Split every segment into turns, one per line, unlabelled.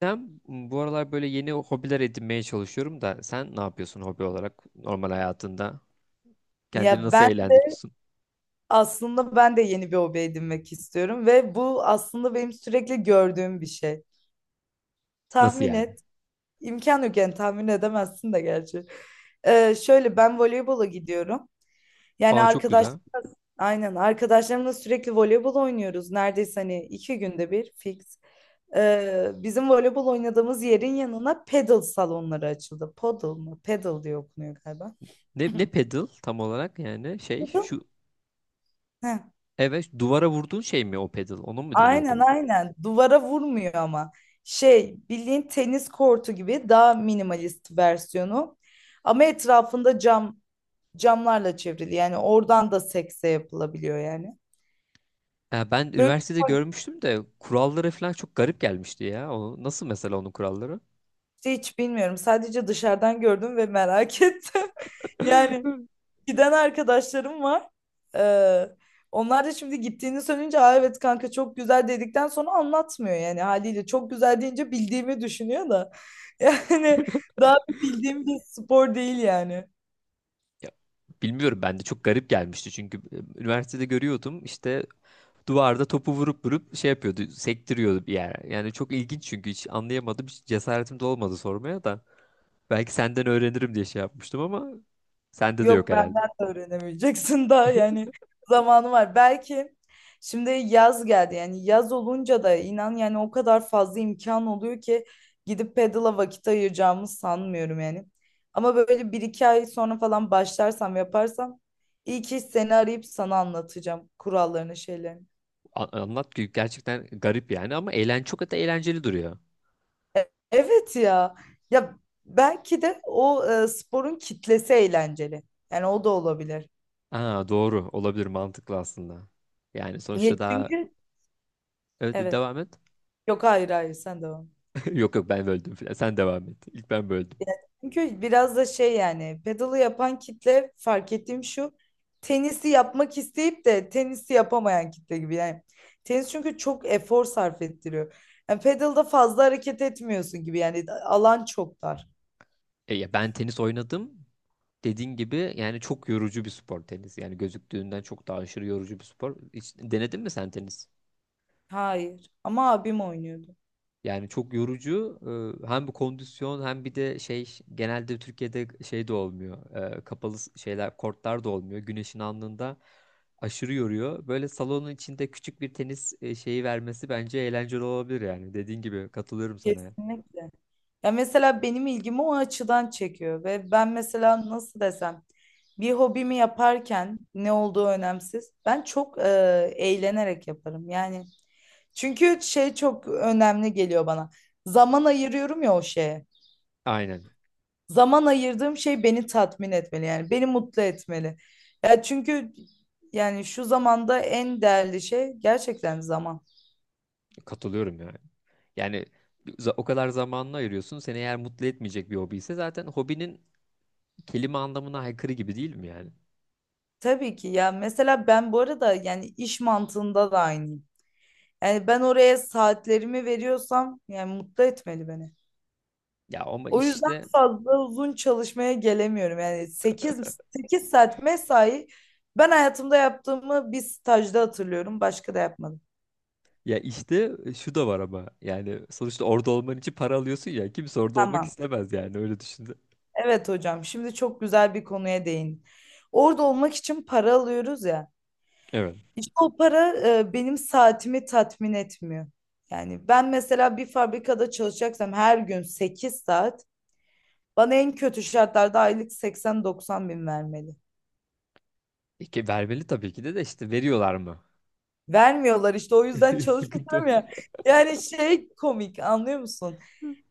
Ben bu aralar böyle yeni hobiler edinmeye çalışıyorum da sen ne yapıyorsun hobi olarak normal hayatında?
Ya
Kendini nasıl eğlendiriyorsun?
aslında ben de yeni bir hobi edinmek istiyorum ve bu aslında benim sürekli gördüğüm bir şey.
Nasıl
Tahmin
yani?
et. İmkan yok yani tahmin edemezsin de gerçi. Şöyle ben voleybola gidiyorum. Yani
Aa, çok
arkadaş
güzel.
Aynen arkadaşlarımla sürekli voleybol oynuyoruz. Neredeyse hani 2 günde bir fix. Bizim voleybol oynadığımız yerin yanına pedal salonları açıldı. Podal mı? Pedal diye okunuyor galiba.
Ne pedal tam olarak yani şey
Pedal?
şu,
Heh.
evet, duvara vurduğun şey mi o pedal? Onu mu
Aynen,
deniyordu?
aynen. Duvara vurmuyor ama. Şey, bildiğin tenis kortu gibi daha minimalist versiyonu. Ama etrafında camlarla çevrili. Yani oradan da sekse yapılabiliyor yani.
Ya ben
Böyle
üniversitede
bir
görmüştüm de kuralları falan çok garip gelmişti ya. O, nasıl mesela onun kuralları?
şey hiç bilmiyorum. Sadece dışarıdan gördüm ve merak ettim. Yani giden arkadaşlarım var. Ee, Onlar da şimdi gittiğini söyleyince, Aa, evet kanka çok güzel dedikten sonra anlatmıyor yani, haliyle çok güzel deyince bildiğimi düşünüyor da yani daha bildiğim bir spor değil yani.
Ya, bilmiyorum, ben de çok garip gelmişti çünkü üniversitede görüyordum işte, duvarda topu vurup vurup şey yapıyordu, sektiriyordu bir yer. Yani çok ilginç çünkü hiç anlayamadım. Hiç cesaretim de olmadı sormaya da. Belki senden öğrenirim diye şey yapmıştım ama sende de yok
Yok,
herhalde.
benden de öğrenemeyeceksin daha yani zamanı var. Belki şimdi yaz geldi, yani yaz olunca da inan yani o kadar fazla imkan oluyor ki gidip pedala vakit ayıracağımı sanmıyorum yani. Ama böyle bir iki ay sonra falan başlarsam, yaparsam iyi ki seni arayıp sana anlatacağım kurallarını, şeylerini.
Anlat ki gerçekten garip yani, ama eğlen çok da eğlenceli duruyor.
Evet ya, ya belki de sporun kitlesi eğlenceli, yani o da olabilir.
Aa, doğru olabilir, mantıklı aslında. Yani sonuçta
Niye? Çünkü
evet,
evet
devam et.
Yok, hayır, hayır, sen devam.
Yok, yok, ben böldüm filan. Sen devam et. İlk ben böldüm.
Çünkü biraz da şey, yani pedalı yapan kitle, fark ettiğim şu: tenisi yapmak isteyip de tenisi yapamayan kitle gibi yani. Tenis çünkü çok efor sarf ettiriyor. Yani pedalda fazla hareket etmiyorsun gibi, yani alan çok dar.
Ya ben tenis oynadım. Dediğin gibi yani çok yorucu bir spor tenis. Yani gözüktüğünden çok daha aşırı yorucu bir spor. Hiç denedin mi sen tenis?
Hayır, ama abim oynuyordu.
Yani çok yorucu. Hem bu kondisyon hem bir de şey, genelde Türkiye'de şey de olmuyor. Kapalı şeyler, kortlar da olmuyor. Güneşin alnında aşırı yoruyor. Böyle salonun içinde küçük bir tenis şeyi vermesi bence eğlenceli olabilir yani. Dediğin gibi, katılıyorum sana, ya.
Kesinlikle. Ya mesela benim ilgimi o açıdan çekiyor ve ben mesela nasıl desem, bir hobimi yaparken ne olduğu önemsiz. Ben çok eğlenerek yaparım. Yani çünkü şey çok önemli geliyor bana. Zaman ayırıyorum ya o şeye.
Aynen.
Zaman ayırdığım şey beni tatmin etmeli, yani beni mutlu etmeli. Ya çünkü yani şu zamanda en değerli şey gerçekten zaman.
Katılıyorum yani. Yani o kadar zamanını ayırıyorsun. Seni eğer mutlu etmeyecek bir hobi ise zaten hobinin kelime anlamına aykırı gibi değil mi yani?
Tabii ki ya, mesela ben bu arada yani iş mantığında da aynıyım. Yani ben oraya saatlerimi veriyorsam yani mutlu etmeli beni.
Ya ama
O yüzden
işte
fazla uzun çalışmaya gelemiyorum. Yani sekiz saat mesai ben hayatımda yaptığımı bir stajda hatırlıyorum. Başka da yapmadım.
Ya işte, şu da var ama yani sonuçta orada olman için para alıyorsun ya, kimse orada olmak
Tamam.
istemez yani, öyle düşündü.
Evet hocam. Şimdi çok güzel bir konuya değin. Orada olmak için para alıyoruz ya.
Evet.
İşte o para, benim saatimi tatmin etmiyor. Yani ben mesela bir fabrikada çalışacaksam her gün 8 saat bana en kötü şartlarda aylık 80-90 bin vermeli.
Ki vermeli tabii ki de işte, veriyorlar mı?
Vermiyorlar işte, o yüzden
Sıkıntı o.
çalışmıyorum ya. Yani şey, komik, anlıyor musun?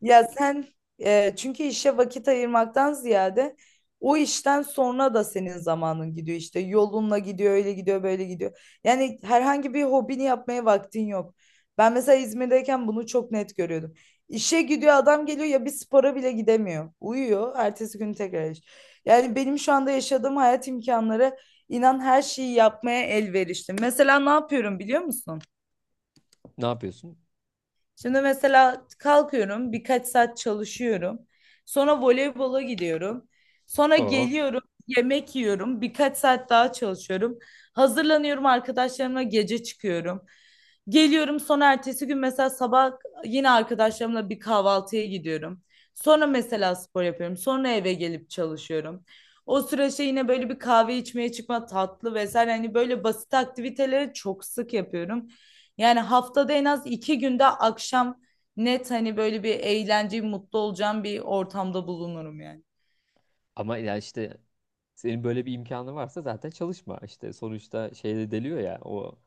Ya sen çünkü işe vakit ayırmaktan ziyade o işten sonra da senin zamanın gidiyor, işte yolunla gidiyor, öyle gidiyor, böyle gidiyor. Yani herhangi bir hobini yapmaya vaktin yok. Ben mesela İzmir'deyken bunu çok net görüyordum. İşe gidiyor adam, geliyor ya, bir spora bile gidemiyor. Uyuyor, ertesi gün tekrar iş. Yani benim şu anda yaşadığım hayat imkanları, İnan her şeyi yapmaya elverişli. Mesela ne yapıyorum biliyor musun?
Ne yapıyorsun?
Şimdi mesela kalkıyorum, birkaç saat çalışıyorum. Sonra voleybola gidiyorum. Sonra
Oo.
geliyorum, yemek yiyorum, birkaç saat daha çalışıyorum. Hazırlanıyorum, arkadaşlarımla gece çıkıyorum. Geliyorum, sonra ertesi gün mesela sabah yine arkadaşlarımla bir kahvaltıya gidiyorum. Sonra mesela spor yapıyorum. Sonra eve gelip çalışıyorum. O süreçte yine böyle bir kahve içmeye çıkma, tatlı vesaire, hani böyle basit aktiviteleri çok sık yapıyorum. Yani haftada en az 2 günde akşam, net hani böyle bir eğlence, mutlu olacağım bir ortamda bulunurum yani.
Ama ya işte, senin böyle bir imkanı varsa zaten çalışma. İşte sonuçta şeyde deliyor ya, o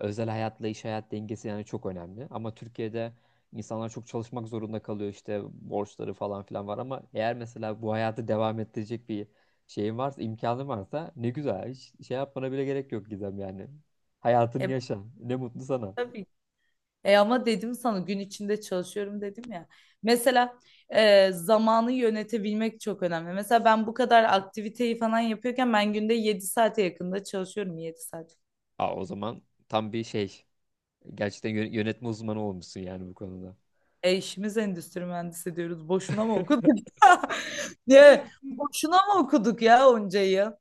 özel hayatla iş hayat dengesi yani çok önemli. Ama Türkiye'de insanlar çok çalışmak zorunda kalıyor işte, borçları falan filan var, ama eğer mesela bu hayatı devam ettirecek bir şeyin varsa, imkanın varsa, ne güzel, hiç şey yapmana bile gerek yok Gizem yani. Hayatını
E,
yaşa, ne mutlu sana.
tabii. Ama dedim sana gün içinde çalışıyorum dedim ya. Mesela zamanı yönetebilmek çok önemli. Mesela ben bu kadar aktiviteyi falan yapıyorken ben günde 7 saate yakında çalışıyorum, 7 saat.
Aa, o zaman tam bir şey, gerçekten yönetme uzmanı olmuşsun yani bu konuda.
E işimiz endüstri mühendisi diyoruz. Boşuna mı okuduk? Ne? Boşuna mı okuduk ya onca yıl?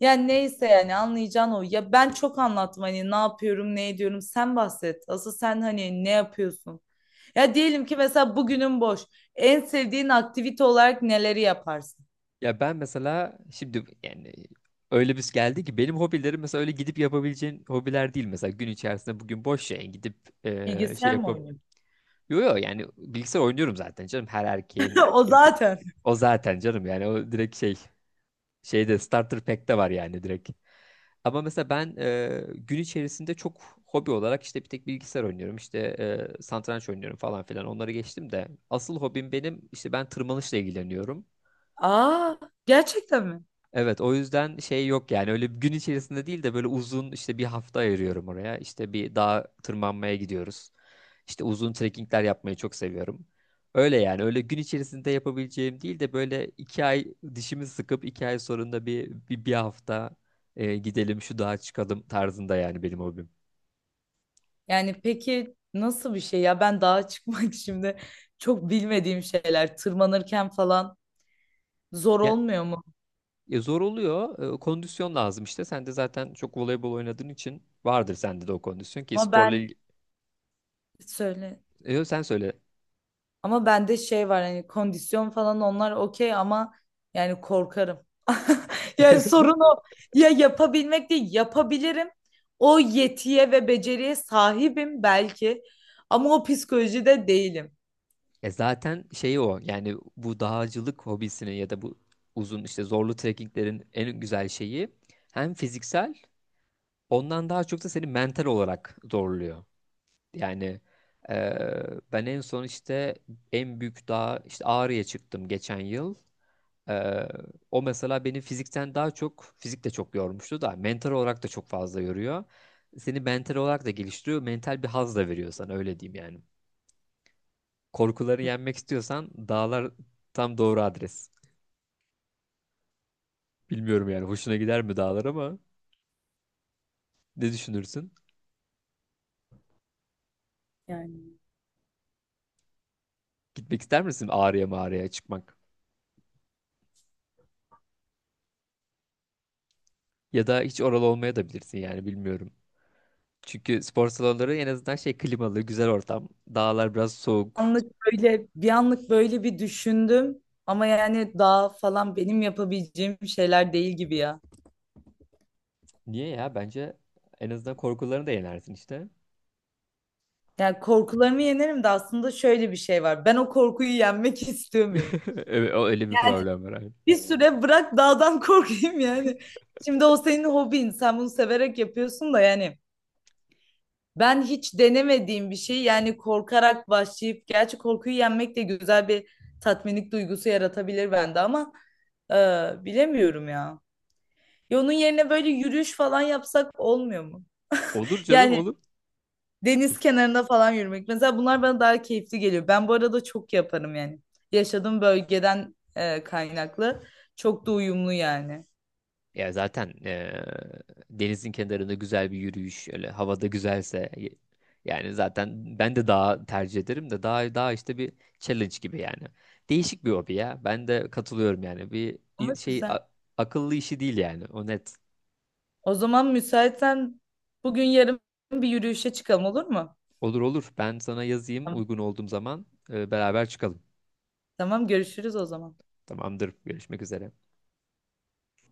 Yani neyse, yani anlayacağın o. Ya ben çok anlattım hani ne yapıyorum, ne ediyorum. Sen bahset. Asıl sen hani ne yapıyorsun? Ya diyelim ki mesela bugünün boş. En sevdiğin aktivite olarak neleri yaparsın?
Ya ben mesela şimdi yani, öyle bir geldi ki benim hobilerim mesela öyle gidip yapabileceğin hobiler değil. Mesela gün içerisinde bugün boş, şey gidip şey
Bilgisayar mı
yapıp,
oynuyorsun?
yo, yo, yani bilgisayar oynuyorum zaten canım, her erkeğin
O
Türkiye,
zaten.
o zaten canım yani, o direkt şeyde starter pack'te var yani, direkt. Ama mesela ben gün içerisinde çok, hobi olarak işte bir tek bilgisayar oynuyorum işte, satranç oynuyorum falan filan, onları geçtim de asıl hobim benim işte, ben tırmanışla ilgileniyorum.
Aa, gerçekten mi?
Evet, o yüzden şey yok yani, öyle bir gün içerisinde değil de böyle uzun, işte bir hafta ayırıyorum oraya. İşte bir dağa tırmanmaya gidiyoruz. İşte uzun trekkingler yapmayı çok seviyorum. Öyle yani, öyle gün içerisinde yapabileceğim değil de böyle iki ay dişimi sıkıp iki ay sonunda bir hafta gidelim şu dağa çıkalım tarzında yani benim hobim.
Yani peki nasıl bir şey ya? Ben dağa çıkmak şimdi çok bilmediğim şeyler. Tırmanırken falan zor
Ya,
olmuyor mu?
ya zor oluyor, kondisyon lazım, işte sen de zaten çok voleybol oynadığın için vardır sende de o kondisyon ki,
Ama
sporla
ben,
ilgili.
söyle.
Sen söyle.
Ama bende şey var hani, kondisyon falan onlar okey, ama yani korkarım. Yani sorun o. Ya yapabilmek değil, yapabilirim. O yetiye ve beceriye sahibim belki, ama o psikolojide değilim.
Ya zaten şeyi o yani, bu dağcılık hobisinin ya da bu uzun, işte zorlu trekkinglerin en güzel şeyi, hem fiziksel, ondan daha çok da seni mental olarak zorluyor. Yani ben en son işte en büyük dağ, işte Ağrı'ya çıktım geçen yıl. Eee, O mesela beni fizikten daha çok, fizik de çok yormuştu da, mental olarak da çok fazla yoruyor. Seni mental olarak da geliştiriyor, mental bir haz da veriyor sana, öyle diyeyim yani. Korkuları yenmek istiyorsan dağlar tam doğru adres. Bilmiyorum yani hoşuna gider mi dağlar, ama ne düşünürsün?
Yani
Gitmek ister misin Ağrı'ya, mağaraya çıkmak? Ya da hiç oralı olmaya da bilirsin yani, bilmiyorum. Çünkü spor salonları en azından şey, klimalı, güzel ortam. Dağlar biraz soğuk.
anlık böyle bir, anlık böyle bir düşündüm, ama yani daha falan benim yapabileceğim şeyler değil gibi ya.
Niye ya? Bence en azından korkularını da yenersin işte.
Yani korkularımı yenerim de, aslında şöyle bir şey var. Ben o korkuyu yenmek istiyor muyum?
Evet, öyle bir problem var, abi.
Bir süre bırak dağdan korkayım yani. Şimdi o senin hobin. Sen bunu severek yapıyorsun da yani. Ben hiç denemediğim bir şey, yani korkarak başlayıp, gerçi korkuyu yenmek de güzel bir tatminlik duygusu yaratabilir bende, ama e, bilemiyorum ya. Ya onun yerine böyle yürüyüş falan yapsak olmuyor mu?
Olur canım,
Yani
olur.
deniz kenarında falan yürümek. Mesela bunlar bana daha keyifli geliyor. Ben bu arada çok yaparım yani. Yaşadığım bölgeden kaynaklı. Çok da uyumlu yani.
Ya zaten denizin kenarında güzel bir yürüyüş, öyle havada güzelse, yani zaten ben de daha tercih ederim de, daha işte bir challenge gibi yani. Değişik bir hobi ya. Ben de katılıyorum yani. Bir
Ama
şey,
güzel.
akıllı işi değil yani. O net.
O zaman müsaitsen bugün yarın bir yürüyüşe çıkalım, olur mu?
Olur, olur. Ben sana yazayım,
Tamam,
uygun olduğum zaman beraber çıkalım.
tamam görüşürüz o zaman.
Tamamdır. Görüşmek üzere.